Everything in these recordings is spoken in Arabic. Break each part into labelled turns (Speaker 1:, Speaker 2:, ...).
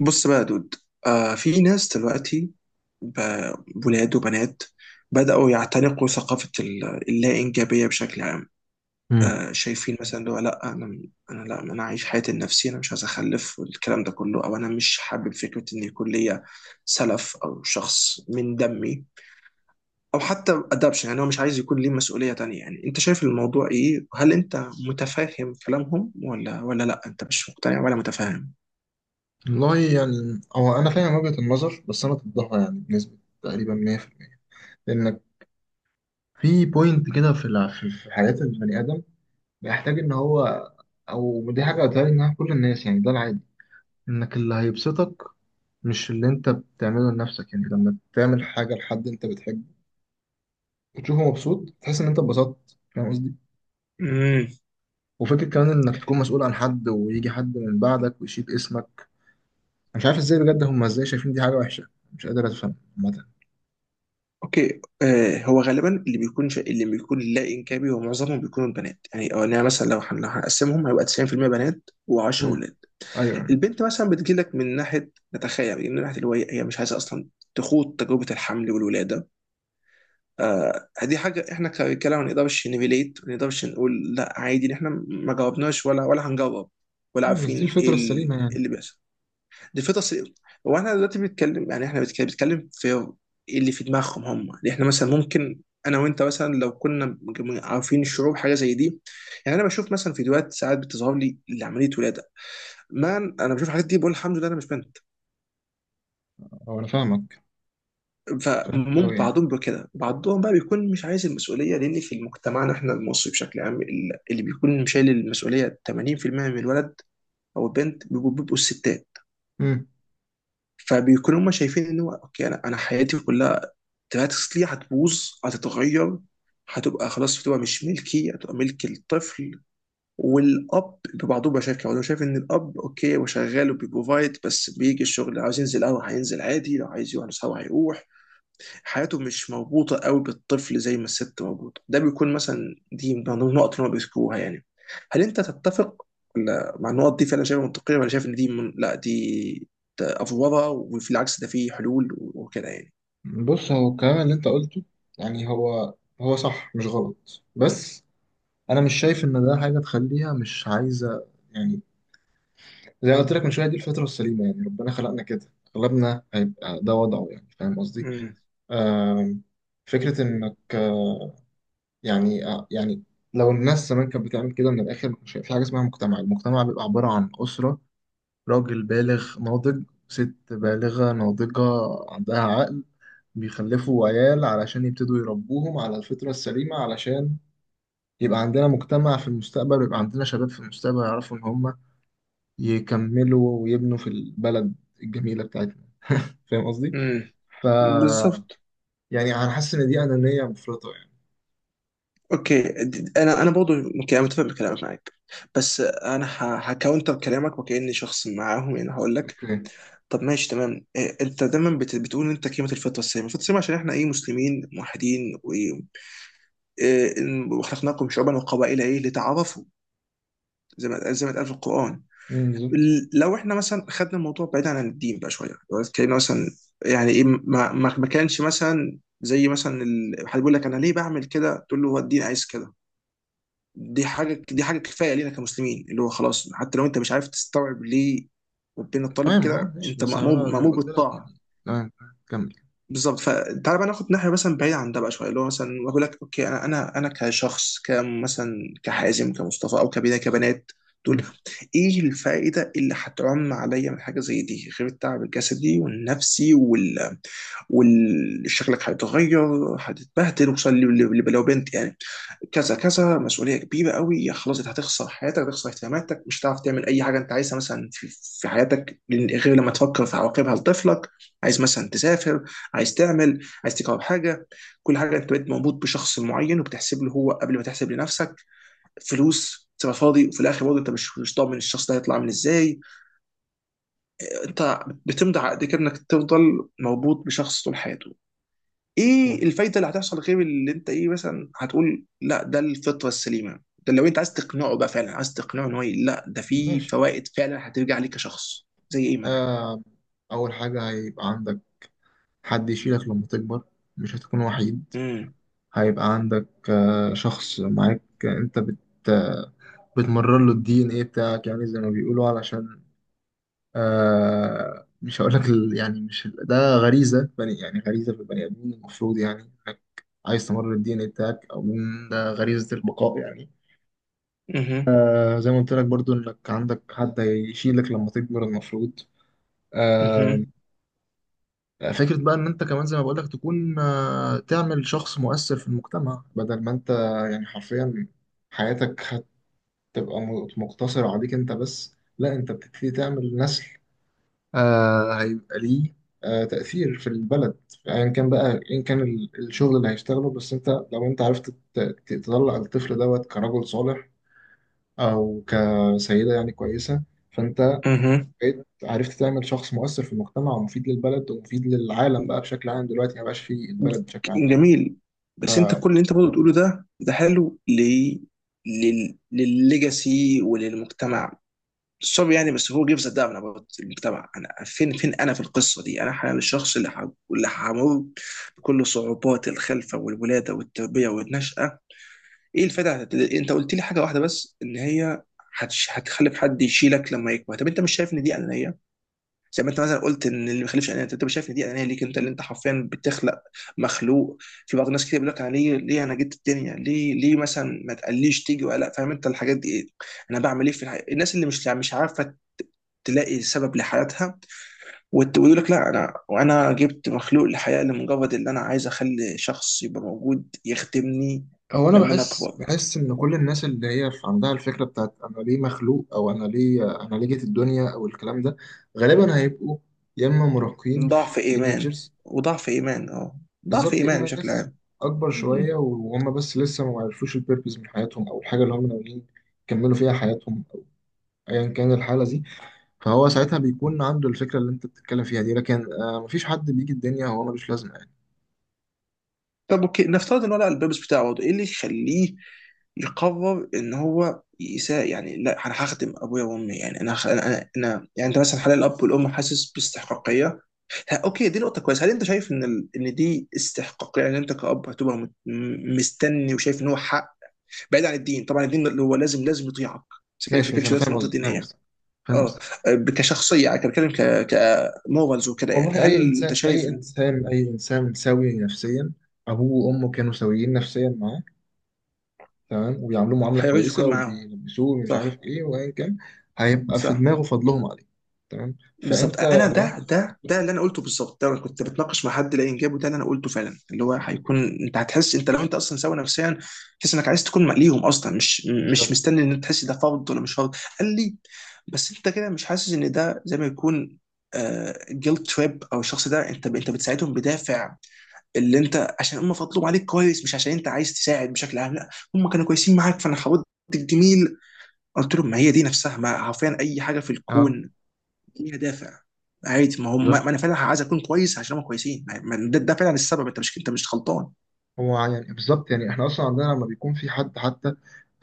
Speaker 1: بص بقى يا دود. في ناس دلوقتي، ب- ولاد وبنات، بدأوا يعتنقوا ثقافة اللا إنجابية بشكل عام.
Speaker 2: مم.
Speaker 1: شايفين مثلا اللي هو لا أنا عايش حياتي لنفسي، أنا مش عايز أخلف والكلام ده كله، أو أنا مش حابب فكرة إن يكون ليا سلف أو شخص من دمي، أو حتى أدابشن. يعني هو مش عايز يكون ليه مسؤولية تانية. يعني أنت شايف الموضوع إيه؟ هل أنت متفاهم كلامهم ولا ولا لا أنت مش مقتنع ولا متفاهم؟
Speaker 2: والله يعني هو انا فاهم وجهة النظر، بس انا ضدها يعني بنسبة تقريبا 100%. لانك في بوينت كده في الع- في في حياة البني ادم بيحتاج ان هو، او دي حاجة بتهيألي انها كل الناس، يعني ده العادي. انك اللي هيبسطك مش اللي انت بتعمله لنفسك، يعني لما تعمل حاجة لحد انت بتحبه وتشوفه مبسوط تحس ان انت اتبسطت، فاهم قصدي؟ وفكرة كمان انك تكون مسؤول عن حد ويجي حد من بعدك ويشيل اسمك. أنا مش عارف ازاي بجد، هم ازاي شايفين دي حاجة وحشة؟ مش قادر افهم عامة.
Speaker 1: اوكي. هو غالبا اللي بيكون اللي بيكون لا انكابي، هو معظمهم بيكونوا البنات، يعني. او انا مثلا لو هنقسمهم هيبقى 90% بنات و10
Speaker 2: مم.
Speaker 1: ولاد.
Speaker 2: ايوه.
Speaker 1: البنت مثلا بتجيلك من ناحيه، نتخيل يعني، من ناحيه اللي هو هي مش عايزه اصلا تخوض تجربه الحمل والولاده. دي حاجه احنا كرجاله ما نقدرش نريليت، ما نقدرش نقول لا عادي إن احنا ما جاوبناش ولا هنجاوب، ولا
Speaker 2: مم، بس دي
Speaker 1: عارفين ايه
Speaker 2: الفطرة السليمة
Speaker 1: إيه
Speaker 2: يعني.
Speaker 1: اللي بيحصل. دي فطرة سي- هو احنا دلوقتي بنتكلم، يعني احنا بنتكلم في إيه اللي في دماغهم هم. يعني احنا مثلا ممكن انا وانت مثلا لو كنا عارفين الشعور حاجه زي دي. يعني انا بشوف مثلا فيديوهات ساعات بتظهر لي لعمليه ولاده، مان انا بشوف الحاجات دي بقول الحمد لله انا مش بنت.
Speaker 2: أو أنا فاهمك. فاهمك
Speaker 1: فممكن
Speaker 2: أوي يعني.
Speaker 1: بعضهم بيبقى كده، بعضهم بقى بيكون مش عايز المسؤوليه، لان في مجتمعنا احنا المصري بشكل عام اللي بيكون شايل المسؤوليه 80% من الولد او البنت، بيبقوا الستات.
Speaker 2: مم.
Speaker 1: فبيكونوا هم شايفين ان هو اوكي، انا حياتي كلها دراكسلي هتبوظ، هتتغير، هتبقى خلاص، بتبقى مش ملكي، هتبقى ملك الطفل. والاب ببعضه بقى شايف كده، هو شايف ان الاب اوكي هو شغال وبيبروفايد، بس بيجي الشغل لو عايز ينزل قهوه هينزل عادي، لو عايز يروح نسهر هيروح. حياته مش مربوطه قوي بالطفل زي ما الست مربوطه. ده بيكون مثلا دي من ضمن النقط اللي هم بيذكروها يعني. هل انت تتفق ولا مع النقط دي، فعلا شايفها منطقيه، ولا شايف ان دي من... لا دي، ده افوره وفي العكس ده فيه حلول وكده،
Speaker 2: بص، هو الكلام اللي أنت قلته يعني، هو صح مش غلط، بس أنا مش شايف إن ده حاجة تخليها مش عايزة يعني. زي ما قلت لك من شوية، دي الفطرة السليمة يعني، ربنا خلقنا كده، أغلبنا هيبقى ده وضعه يعني. فاهم قصدي؟
Speaker 1: يعني؟
Speaker 2: آم، فكرة إنك، يعني، يعني لو الناس زمان كانت بتعمل كده من الآخر مش هيبقى في حاجة اسمها مجتمع، المجتمع بيبقى عبارة عن أسرة: راجل بالغ ناضج، ست بالغة ناضجة عندها عقل، بيخلفوا عيال علشان يبتدوا يربوهم على الفطرة السليمة، علشان يبقى عندنا مجتمع في المستقبل ويبقى عندنا شباب في المستقبل يعرفوا إن هم يكملوا ويبنوا في البلد الجميلة بتاعتنا. فاهم قصدي؟
Speaker 1: امم،
Speaker 2: ف
Speaker 1: بالظبط.
Speaker 2: يعني أنا حاسس إن دي أنانية مفرطة يعني.
Speaker 1: اوكي، انا برضه ممكن انا متفق بكلامك معاك، بس انا هكاونتر كلامك، وكاني شخص معاهم يعني. هقول لك
Speaker 2: أوكي.
Speaker 1: طب ماشي تمام، إيه، انت دايما بتقول انت قيمه الفطره السامه عشان احنا ايه، مسلمين موحدين، إيه، وخلقناكم شعوبا وقبائل ايه لتعارفوا، زي ما زي ما اتقال في القران.
Speaker 2: أمم، بالظبط.
Speaker 1: لو احنا مثلا خدنا الموضوع بعيد عن الدين بقى شويه، لو اتكلمنا مثلا، يعني ايه ما كانش مثلا، زي مثلا حد بيقول لك انا ليه بعمل كده، تقول له هو الدين عايز كده. دي حاجه كفايه لينا كمسلمين، اللي هو خلاص حتى لو انت مش عارف تستوعب ليه ربنا طالب
Speaker 2: تمام أه
Speaker 1: كده،
Speaker 2: ماشي،
Speaker 1: انت
Speaker 2: بس
Speaker 1: مأمور،
Speaker 2: أنا زي ما
Speaker 1: مأمور
Speaker 2: قلت لك
Speaker 1: بالطاعه.
Speaker 2: يعني، تمام تمام، كمل.
Speaker 1: بالظبط. فتعال بقى ناخد ناحيه مثلا بعيده عن ده بقى شويه، اللي هو مثلا اقول لك اوكي، انا كشخص، كمثلا كحازم، كمصطفى، او كبنات، كبنات تقول
Speaker 2: أمم.
Speaker 1: ايه الفائده اللي هتعم عليا من حاجه زي دي، غير التعب الجسدي والنفسي وشكلك هيتغير، هتتبهدل وصل لو بنت يعني. كذا كذا مسؤوليه كبيره قوي، خلاص انت هتخسر حياتك، هتخسر اهتماماتك، مش هتعرف تعمل اي حاجه انت عايزها، مثلا في حياتك، غير لما تفكر في عواقبها لطفلك. عايز مثلا تسافر، عايز تعمل، عايز تجرب حاجه، كل حاجه انت بقيت مربوط بشخص معين، وبتحسب له هو قبل ما تحسب لنفسك، فلوس تبقى فاضي. وفي الاخر برضه انت مش ضامن الشخص ده هيطلع عامل ازاي. انت بتمضي عقد كده انك تفضل مربوط بشخص طول حياته. ايه
Speaker 2: تمام.
Speaker 1: الفايده اللي هتحصل، غير اللي انت ايه، مثلا هتقول لا ده الفطره السليمه؟ ده لو انت عايز تقنعه بقى، فعلا عايز تقنعه ان هو لا ده في
Speaker 2: ماشي.
Speaker 1: فوائد فعلا هترجع لك كشخص، زي ايه مثلا؟
Speaker 2: آه، أول حاجة هيبقى عندك حد يشيلك لما تكبر، مش هتكون وحيد.
Speaker 1: امم.
Speaker 2: هيبقى عندك شخص معاك، انت بت آه، بتمرر له الدي ان ايه بتاعك، يعني زي ما بيقولوا، علشان مش هقول لك يعني مش ده غريزة بني، يعني غريزة في البني ادمين المفروض يعني، انك عايز تمرر الدي ان ايه بتاعك، او من ده غريزة البقاء يعني.
Speaker 1: اها.
Speaker 2: زي ما قلت لك برضو، انك عندك حد هيشيلك لما تكبر المفروض.
Speaker 1: اها.
Speaker 2: آه، فكرة بقى إن أنت كمان زي ما بقولك تكون، تعمل شخص مؤثر في المجتمع، بدل ما أنت يعني حرفيا حياتك هتبقى مقتصرة عليك أنت بس، لا أنت بتبتدي تعمل نسل، هيبقى ليه تأثير في البلد أيا كان بقى، أيا كان الشغل اللي هيشتغله، بس أنت لو أنت عرفت تطلع الطفل دوت كرجل صالح أو كسيدة يعني كويسة، فأنت
Speaker 1: اها.
Speaker 2: بقيت عرفت تعمل شخص مؤثر في المجتمع ومفيد للبلد ومفيد للعالم بقى بشكل عام، دلوقتي ما بقاش في البلد بشكل عام يعني.
Speaker 1: جميل. بس انت كل اللي انت برضه بتقوله ده، ده حلو للليجاسي وللمجتمع. سوري يعني، بس هو جيفز دامن اباوت المجتمع، انا فين انا في القصه دي؟ انا حاليا الشخص اللي همر بكل صعوبات الخلفه والولاده والتربيه والنشاه. ايه الفائده؟ انت قلت لي حاجه واحده بس، ان هي هتخلف حد يشيلك لما يكبر. طب انت مش شايف ان دي انانيه؟ زي ما انت مثلا قلت ان اللي ما يخلفش انانيه، انت مش شايف ان دي انانيه ليك انت، اللي انت حرفيا بتخلق مخلوق؟ في بعض الناس كتير بيقول لك أنا ليه، ليه انا جيت الدنيا، ليه، ليه مثلا ما تقليش تيجي، ولا فاهم انت الحاجات دي ايه، انا بعمل ايه في الحياه. الناس اللي مش عارفه تلاقي سبب لحياتها، ويقول لك لا انا، وانا جبت مخلوق للحياه لمجرد ان انا عايز اخلي شخص يبقى موجود يخدمني
Speaker 2: هو انا
Speaker 1: لما انا
Speaker 2: بحس
Speaker 1: اكبر.
Speaker 2: بحس ان كل الناس اللي هي في عندها الفكره بتاعت انا ليه مخلوق، او انا ليه جيت الدنيا، او الكلام ده غالبا هيبقوا يا اما مراهقين
Speaker 1: ضعف
Speaker 2: في
Speaker 1: ايمان.
Speaker 2: تينيجرز،
Speaker 1: وضعف ايمان، اه. ضعف
Speaker 2: بالظبط، يا
Speaker 1: ايمان
Speaker 2: اما
Speaker 1: بشكل
Speaker 2: ناس
Speaker 1: عام.
Speaker 2: اكبر
Speaker 1: م-
Speaker 2: شويه وهم بس لسه ما عرفوش البيربز من حياتهم، او الحاجه اللي هم ناويين يكملوا فيها حياتهم، أو ايا كان الحاله دي، فهو ساعتها بيكون عنده الفكرة اللي انت بتتكلم فيها دي، لكن مفيش حد بيجي الدنيا هو ملوش لازمة يعني.
Speaker 1: طب اوكي، نفترض ان هو لقى البيربس بتاعه برضه. ايه اللي يخليه يقرر ان هو يساء، يعني لا انا هخدم ابويا وامي؟ يعني انا يعني انت مثلا حاليا، الاب والام حاسس باستحقاقيه. اوكي، دي نقطة كويسة. هل انت شايف ان ان دي استحقاقية؟ يعني انت كأب هتبقى مستني وشايف ان هو حق، بعيد عن الدين طبعا، الدين اللي هو لازم يطيعك. بس كده ما
Speaker 2: ماشي، مش،
Speaker 1: بتكلمش
Speaker 2: انا
Speaker 1: دلوقتي في
Speaker 2: فاهم
Speaker 1: نقطة
Speaker 2: قصدك فاهم
Speaker 1: دينية.
Speaker 2: قصدك فاهم
Speaker 1: اه.
Speaker 2: قصدك.
Speaker 1: كشخصية يعني، كان بتكلم كمورالز وكده، يعني
Speaker 2: والله اي
Speaker 1: هل انت
Speaker 2: انسان اي
Speaker 1: شايف ان
Speaker 2: انسان اي انسان سوي نفسيا ابوه وامه كانوا سويين نفسيا معاه، تمام، وبيعاملوه معاملة
Speaker 1: هيعوز
Speaker 2: كويسة
Speaker 1: يكون معاهم؟
Speaker 2: وبيلبسوه ومش عارف
Speaker 1: صح.
Speaker 2: ايه وايا كان، هيبقى في
Speaker 1: صح.
Speaker 2: دماغه فضلهم عليه، تمام،
Speaker 1: بالظبط،
Speaker 2: فانت
Speaker 1: انا
Speaker 2: لو
Speaker 1: ده
Speaker 2: انت حد
Speaker 1: ده ده اللي
Speaker 2: كويس.
Speaker 1: انا قلته بالظبط. ده أنا كنت بتناقش مع حد لقى انجابه، ده اللي انا قلته فعلا، اللي هو هيكون انت هتحس، انت لو انت اصلا سوي نفسيا، تحس انك عايز تكون مقليهم اصلا، مش مش
Speaker 2: بالظبط.
Speaker 1: مستني ان أنت تحس ده فرض ولا مش فرض، قال لي. بس انت كده مش حاسس ان ده زي ما يكون جيلت تريب؟ او الشخص ده انت انت بتساعدهم بدافع اللي انت عشان هم فضلوا عليك كويس، مش عشان انت عايز تساعد بشكل عام. لا، هم كانوا كويسين معاك، فانا حاولت الجميل. قلت لهم ما هي دي نفسها، ما حرفيا اي حاجه في
Speaker 2: اه
Speaker 1: الكون ليها دافع، عادي. ما هم،
Speaker 2: بالظبط،
Speaker 1: ما انا فعلا عايز اكون كويس عشان هم كويسين، ما- ما ده فعلا السبب، انت مش، انت مش غلطان.
Speaker 2: هو يعني بالظبط، يعني احنا اصلا عندنا لما بيكون في حد حتى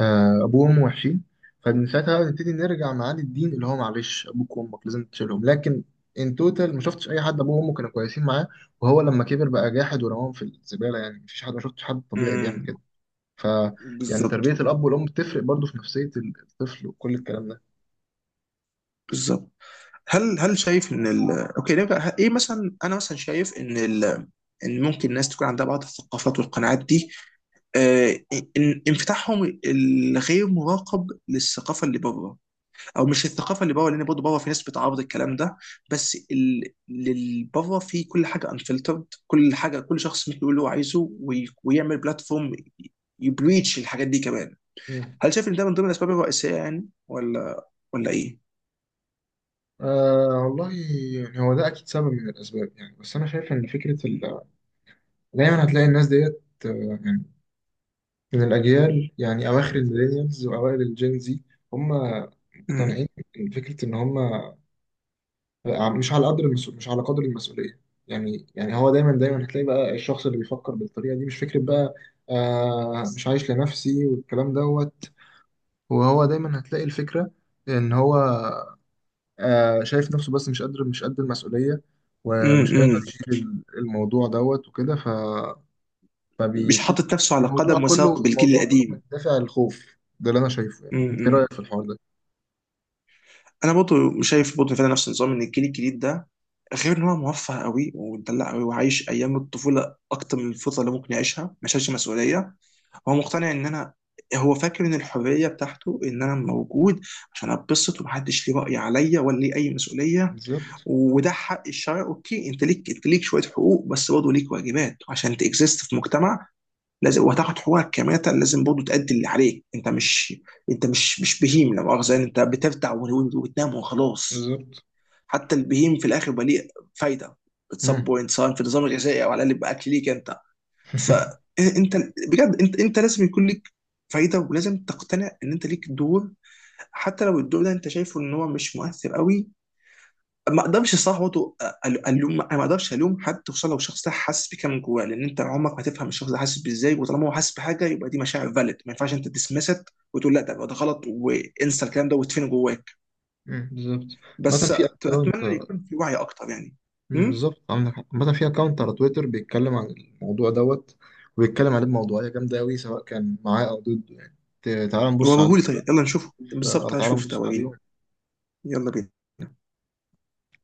Speaker 2: ابوه وامه وحشين، فمن ساعتها بقى نبتدي نرجع معاد الدين اللي هو معلش ابوك وامك لازم تشيلهم، لكن ان توتال ما شفتش اي حد ابوه وامه كانوا كويسين معاه، وهو لما كبر بقى جاحد ورماهم في الزباله، يعني مفيش حد، ما شفتش حد طبيعي بيعمل
Speaker 1: امم.
Speaker 2: كده. ف يعني
Speaker 1: بالظبط.
Speaker 2: تربيه الاب والام بتفرق برضو في نفسيه الطفل وكل الكلام ده.
Speaker 1: بالظبط. هل شايف ان اوكي نرجع، ايه مثلا، انا مثلا شايف ان ان ممكن الناس تكون عندها بعض الثقافات والقناعات دي، آه... انفتاحهم الغير مراقب للثقافه اللي بره، او مش الثقافه اللي بره لان برضه بره في ناس بتعارض الكلام ده، بس اللي بره في كل حاجه انفلترد، كل حاجه كل شخص ممكن يقول اللي هو عايزه، ويعمل بلاتفورم يبريتش الحاجات دي كمان.
Speaker 2: مم.
Speaker 1: هل شايف ان ده من ضمن الاسباب الرئيسيه، يعني، ولا ايه؟
Speaker 2: والله يعني، هو ده اكيد سبب من الاسباب يعني، بس انا شايف ان فكره دايما هتلاقي الناس ديت، يعني، من الأجيال يعني أواخر الميلينيالز وأوائل الجين زي، هم مقتنعين
Speaker 1: مم.
Speaker 2: بفكرة إن هم مش على قدر المسؤول، مش على قدر المسؤولية يعني هو دايما دايما هتلاقي بقى الشخص اللي بيفكر بالطريقة دي، مش فكرة بقى مش عايش لنفسي والكلام دوت، وهو دايما هتلاقي الفكرة إن هو شايف نفسه بس مش قادر، مش قد المسؤولية،
Speaker 1: مم.
Speaker 2: ومش هيقدر
Speaker 1: مم.
Speaker 2: يشيل الموضوع دوت وكده،
Speaker 1: مش
Speaker 2: فبيبتدي
Speaker 1: حاطط نفسه على
Speaker 2: الموضوع
Speaker 1: قدم
Speaker 2: كله،
Speaker 1: وساق بالجيل
Speaker 2: الموضوع كله من
Speaker 1: القديم.
Speaker 2: دافع الخوف ده اللي انا شايفه يعني. انت ايه
Speaker 1: مم.
Speaker 2: رايك في الحوار ده؟
Speaker 1: انا برضه شايف، برضه فعلا نفس النظام، ان الجيل الجديد ده غير ان هو موفر قوي ومدلع قوي وعايش ايام الطفوله اكتر من الفتره اللي ممكن يعيشها، ما شالش مسؤوليه. هو مقتنع ان انا، هو فاكر ان الحريه بتاعته ان انا موجود عشان اتبسط، ومحدش ليه راي عليا ولا ليه اي مسؤوليه.
Speaker 2: بالظبط
Speaker 1: وده حق الشرع، اوكي، انت ليك شويه حقوق، بس برضه ليك واجبات عشان تكزيست في مجتمع، لازم. وهتاخد حقوقك كماتا، لازم برضه تأدي اللي عليك. انت مش، انت مش بهيم، لا مؤاخذه يعني، انت بترتع وتنام وخلاص.
Speaker 2: بالظبط.
Speaker 1: حتى البهيم في الاخر بقى ليه فايده at some
Speaker 2: امم
Speaker 1: point، سواء في النظام الغذائي او على الاقل باكل ليك انت. فانت بجد، انت لازم يكون ليك فايده، ولازم تقتنع ان انت ليك دور، حتى لو الدور ده انت شايفه ان هو مش مؤثر قوي. ما اقدرش الصراحه برضه الوم، انا ما اقدرش الوم حد، خصوصا لو الشخص ده حاسس بكده من جواه، لان انت عمرك ما تفهم الشخص ده حاسس بازاي، وطالما هو حاسس بحاجه يبقى دي مشاعر فالid، ما ينفعش انت تسمست وتقول لا ده ده غلط وانسى الكلام ده وتفين جواك.
Speaker 2: امم. بالظبط، مثلا
Speaker 1: بس
Speaker 2: في اكونت.
Speaker 1: اتمنى يكون في وعي اكتر يعني. امم.
Speaker 2: بالظبط عندك حق، مثلا في اكونت على تويتر بيتكلم عن الموضوع دوت، وبيتكلم عليه بموضوعية جامدة أوي سواء كان معاه أو ضده يعني، تعال نبص عليه
Speaker 1: وريهولي،
Speaker 2: كده.
Speaker 1: طيب يلا نشوفه
Speaker 2: أو
Speaker 1: بالظبط،
Speaker 2: تعال
Speaker 1: هشوف ده
Speaker 2: نبص
Speaker 1: وريني.
Speaker 2: عليه
Speaker 1: يلا بينا.